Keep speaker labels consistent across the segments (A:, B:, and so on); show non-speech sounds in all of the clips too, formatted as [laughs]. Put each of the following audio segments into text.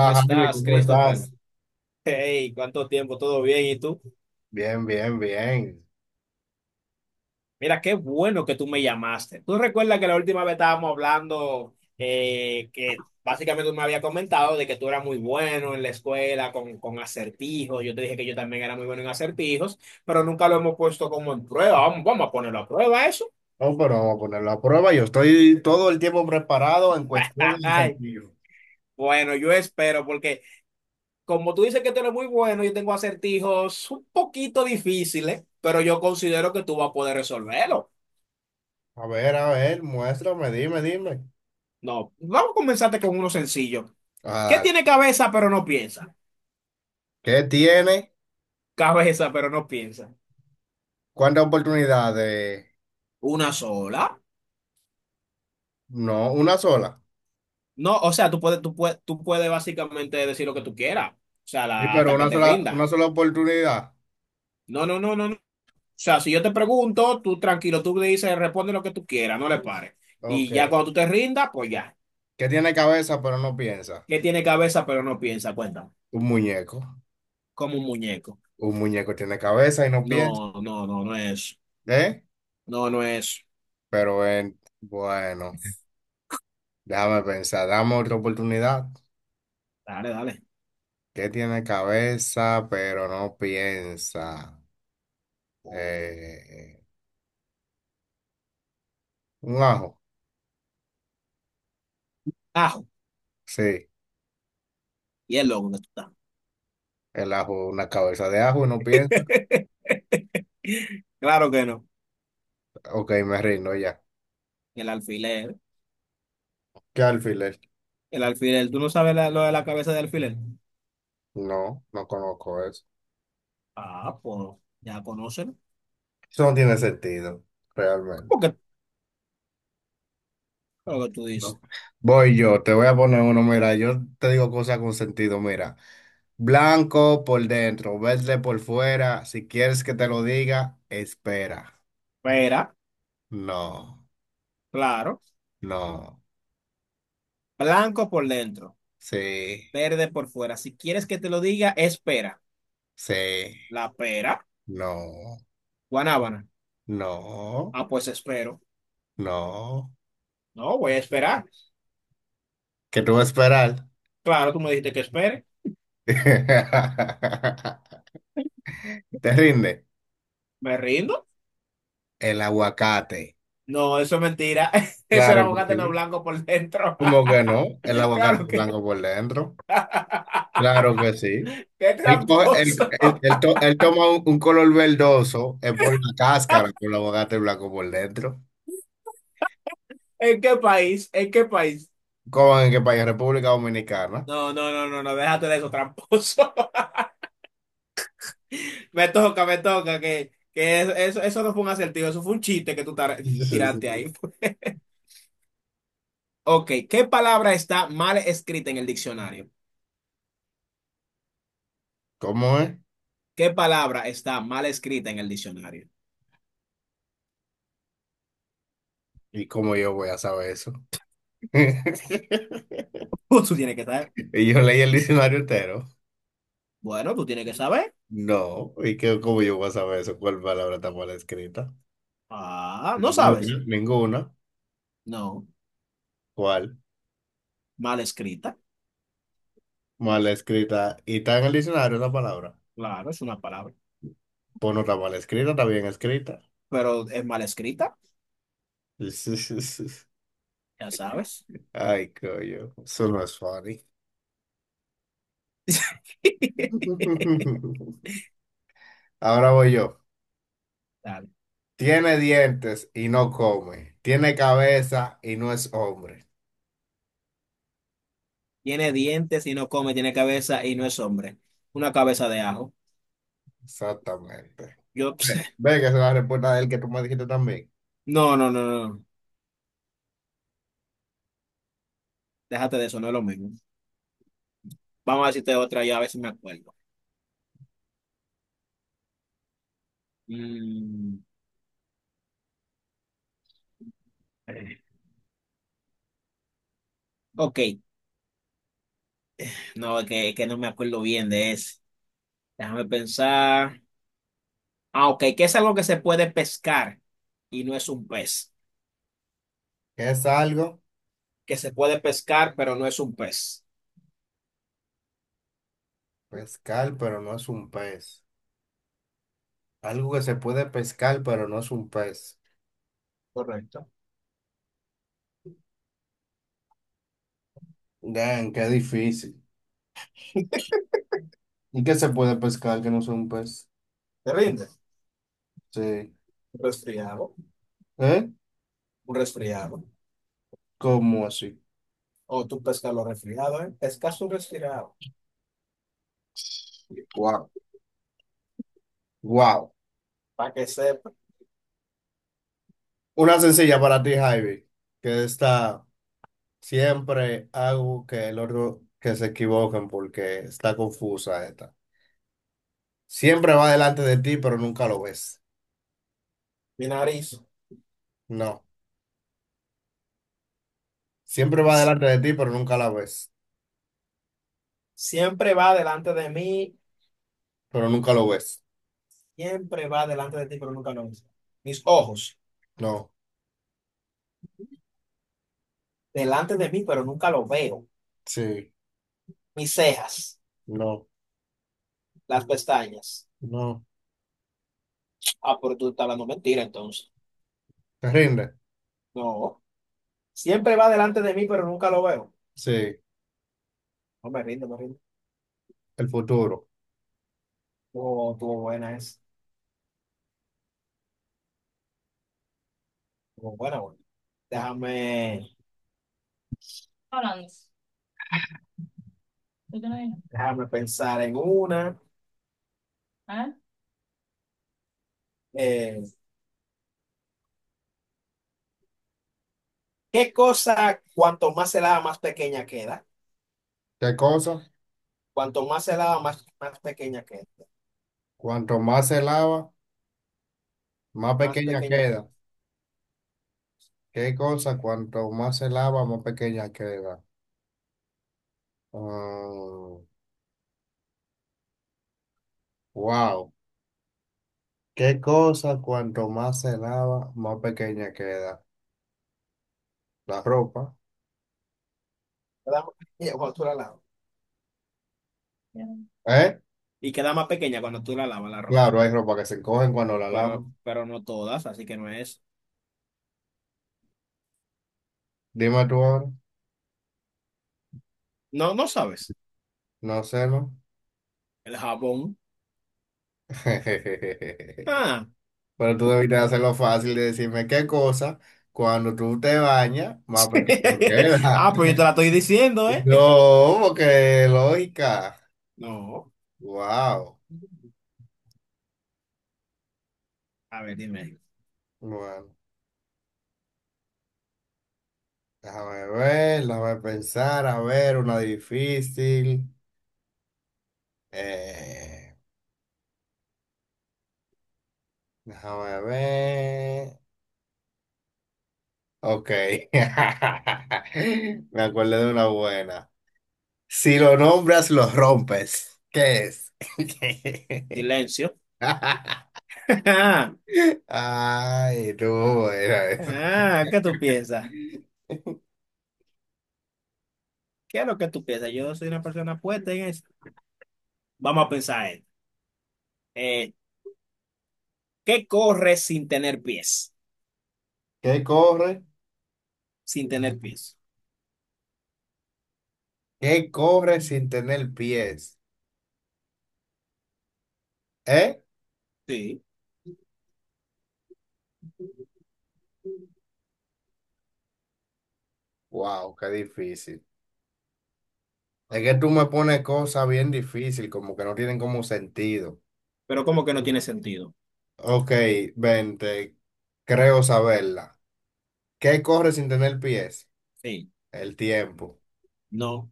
A: ¿Cómo
B: Jaime,
A: estás,
B: ¿cómo
A: Christopher?
B: estás?
A: Hey, ¿cuánto tiempo? ¿Todo bien? ¿Y tú?
B: Bien, bien, bien.
A: Mira, qué bueno que tú me llamaste. ¿Tú recuerdas que la última vez estábamos hablando que básicamente tú me habías comentado de que tú eras muy bueno en la escuela con acertijos? Yo te dije que yo también era muy bueno en acertijos, pero nunca lo hemos puesto como en prueba. Vamos a ponerlo a prueba eso.
B: No, pero vamos a ponerlo a prueba. Yo estoy todo el tiempo preparado en
A: [laughs]
B: cuestión de
A: Ay,
B: sentido.
A: bueno, yo espero porque como tú dices que tú eres muy bueno, yo tengo acertijos un poquito difíciles, pero yo considero que tú vas a poder resolverlo.
B: A ver, muéstrame, dime.
A: No, vamos a comenzarte con uno sencillo. ¿Qué
B: Ah, dale.
A: tiene cabeza pero no piensa?
B: ¿Qué tiene?
A: Cabeza pero no piensa.
B: ¿Cuántas oportunidades?
A: ¿Una sola?
B: No, una sola.
A: No, o sea, tú puedes básicamente decir lo que tú quieras. O sea,
B: Sí, pero
A: hasta que te rindas.
B: una sola oportunidad.
A: No, no, no, no, no. O sea, si yo te pregunto, tú tranquilo, tú le dices, responde lo que tú quieras, no le pares.
B: Ok.
A: Y ya cuando tú te rindas, pues ya.
B: ¿Qué tiene cabeza pero no piensa?
A: ¿Qué tiene cabeza pero no piensa? Cuéntame.
B: Un muñeco.
A: Como un muñeco.
B: Un muñeco tiene cabeza y no
A: No,
B: piensa.
A: no, no, no es.
B: ¿Eh?
A: No, no es.
B: Pero bueno, déjame pensar, dame otra oportunidad.
A: Dale, dale.
B: ¿Que tiene cabeza pero no piensa? Eh, un ajo,
A: Ajo.
B: sí,
A: Y el loco que tú
B: el ajo, una cabeza de ajo y no piensa.
A: estás. [laughs] [laughs] Claro que no.
B: Ok, me rindo ya.
A: El alfiler.
B: ¿Qué alfiler?
A: El alfiler. ¿Tú no sabes lo de la cabeza de alfiler?
B: No, no conozco eso.
A: Ah, pues ya conocen.
B: Eso no tiene sentido,
A: ¿Cómo
B: realmente.
A: que lo que tú dices?
B: No. Voy yo, te voy a poner uno, mira, yo te digo cosas con sentido, mira. Blanco por dentro, verde por fuera, si quieres que te lo diga, espera.
A: Pera,
B: No,
A: claro.
B: no,
A: Blanco por dentro,
B: sí,
A: verde por fuera. Si quieres que te lo diga, espera.
B: sí.
A: La pera,
B: No,
A: guanábana.
B: no,
A: Ah, pues espero.
B: no.
A: No, voy a esperar.
B: ¿Qué tú vas a esperar?
A: Claro, tú me dijiste que espere.
B: [laughs] ¿Te rinde?
A: ¿Me rindo?
B: El aguacate.
A: No, eso es mentira. [laughs] Eso
B: Claro
A: era un
B: que
A: no
B: sí.
A: blanco por dentro.
B: ¿Cómo
A: [laughs]
B: que no? El aguacate
A: Claro
B: es
A: que...
B: blanco por dentro. Claro que sí.
A: ¡Qué
B: Él, coge- él-
A: tramposo!
B: él- él to- él toma un color verdoso, es por la cáscara, por el aguacate blanco por dentro.
A: [laughs] ¿En qué país? ¿En qué país?
B: ¿Cómo en qué país? República Dominicana.
A: No, no, no, no, no, déjate de eso, tramposo. [laughs] Que, eso, eso no fue un acertijo, eso fue un chiste que tiraste ahí.
B: [laughs]
A: [laughs] Ok, ¿qué palabra está mal escrita en el diccionario?
B: ¿Cómo es?
A: ¿Qué palabra está mal escrita en el diccionario? [laughs]
B: ¿Y cómo yo voy a saber eso? [laughs]
A: Pues tú tienes que saber.
B: Y yo leí el diccionario entero.
A: Bueno, tú tienes que saber.
B: No, y que cómo yo voy a saber eso, cuál palabra está mal escrita.
A: Ah, ¿no sabes?
B: Ninguna, ninguna.
A: No,
B: ¿Cuál?
A: mal escrita.
B: Mal escrita. ¿Y está en el diccionario esa palabra?
A: Claro, es una palabra,
B: Pues no está mal escrita, está bien escrita.
A: pero es mal escrita,
B: [laughs]
A: ya sabes.
B: Ay, coño, eso no es funny.
A: [laughs]
B: [laughs] Ahora voy yo.
A: Dale.
B: Tiene dientes y no come. Tiene cabeza y no es hombre.
A: Tiene dientes y no come, tiene cabeza y no es hombre. Una cabeza de ajo.
B: Exactamente.
A: Yo,
B: Ve, ve que esa es la respuesta de él que tú me dijiste también.
A: [laughs] no, no, no, déjate de eso, no es lo mismo. Vamos a decirte otra, yo a veces me acuerdo. Mm, ok, no, es que no me acuerdo bien de ese. Déjame pensar. Ah, ok, que es algo que se puede pescar y no es un pez.
B: ¿Qué es algo?
A: Que se puede pescar, pero no es un pez.
B: Pescar, pero no es un pez. Algo que se puede pescar, pero no es un pez.
A: Correcto.
B: Dan, qué difícil. ¿Y qué se puede pescar que no sea un pez?
A: ¿Te rinde?
B: Sí.
A: Un resfriado.
B: ¿Eh?
A: Un resfriado.
B: ¿Cómo así?
A: O tú pescas los resfriados, ¿eh? Pescas un resfriado.
B: Wow. Wow.
A: Para que sepa,
B: Una sencilla para ti, Javi, que está siempre hago que el otro que se equivoquen porque está confusa esta. Siempre va delante de ti, pero nunca lo ves.
A: mi nariz
B: No. Siempre va
A: si-
B: delante de ti, pero nunca la ves.
A: siempre va delante de mí.
B: Pero nunca lo ves.
A: Siempre va delante de ti, pero nunca lo ves. Mis ojos,
B: No.
A: delante de mí, pero nunca lo veo.
B: Sí.
A: Mis cejas,
B: No.
A: las pestañas.
B: No,
A: Ah, pero tú estás hablando mentira, entonces.
B: te rinde.
A: No. Siempre va delante de mí, pero nunca lo veo.
B: Sí,
A: No me rindo, me rindo.
B: el futuro.
A: Oh, estuvo buena esa. Estuvo buena, buena.
B: Ya.
A: Déjame,
B: Hablando. ¿Tú te lo dije?
A: déjame pensar en una.
B: ¿Eh?
A: Eh, ¿Qué cosa, cuanto más se lava, más pequeña queda?
B: ¿Qué cosa?
A: Cuanto más se lava, más pequeña queda.
B: Cuanto más se lava, más
A: Más
B: pequeña
A: pequeña queda.
B: queda. ¿Qué cosa? Cuanto más se lava, más pequeña queda. Mm, wow. ¿Qué cosa? Cuanto más se lava, más pequeña queda. La ropa.
A: Te da- Cuando tú la lavas.
B: Ya. ¿Eh?
A: Y queda más pequeña cuando tú la lavas la ropa.
B: Claro, hay ropa que se encogen cuando la
A: Pero,
B: lavan.
A: pero no todas, así que no es.
B: Dime tú ahora.
A: No, no sabes.
B: No sé, ¿no?
A: El jabón.
B: [laughs]
A: Ah.
B: Pero tú debiste hacerlo fácil de decirme qué cosa cuando tú te bañas, más pequeño
A: [laughs]
B: queda.
A: Ah, pues yo te la
B: [laughs]
A: estoy diciendo, ¿eh?
B: No, porque lógica.
A: No.
B: Wow.
A: A ver, dime.
B: Bueno, déjame ver, déjame pensar, a ver, una difícil. Eh, déjame ver. Ok. [laughs] Me acuerdo de una buena. Si lo nombras, lo rompes. ¿Qué es?
A: Silencio.
B: [laughs]
A: [laughs]
B: Ay, no, era eso.
A: Ah, ¿qué tú piensas? ¿Qué es lo que tú piensas? Yo soy una persona puesta en eso. Vamos a pensar en. eh, ¿Qué corre sin tener pies?
B: ¿Qué corre?
A: Sin tener pies.
B: ¿Qué corre sin tener pies? ¿Eh?
A: Sí.
B: Wow, qué difícil. Es que tú me pones cosas bien difíciles, como que no tienen como sentido.
A: Pero ¿cómo que no tiene sentido?
B: Ok, vente, creo saberla. ¿Qué corre sin tener pies?
A: Sí.
B: El tiempo.
A: No.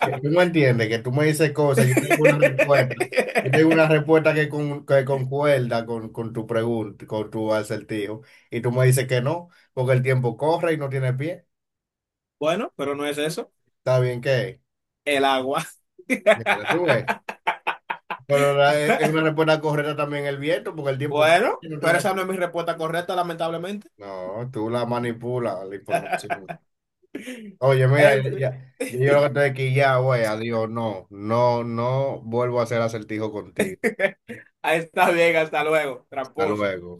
B: Que tú me entiendes, que tú me dices cosas, yo tengo una respuesta, yo tengo una
A: [laughs]
B: respuesta que concuerda con tu pregunta, con tu acertijo, y tú me dices que no, porque el tiempo corre y no tiene pie.
A: Bueno, pero no es eso.
B: ¿Está bien que
A: El agua.
B: Mira, tú ves?
A: [laughs]
B: Pero es una respuesta correcta también el viento, porque el tiempo corre
A: Bueno,
B: y no
A: pero
B: tiene
A: esa no
B: pie.
A: es mi respuesta correcta, lamentablemente.
B: No, tú la manipulas la información.
A: [laughs]
B: Oye, mira,
A: En
B: ya,
A: fin.
B: ya yo lo que estoy aquí ya, güey, adiós, no, no, no vuelvo a hacer acertijo contigo.
A: Ahí está bien, hasta luego,
B: Hasta
A: tramposo.
B: luego.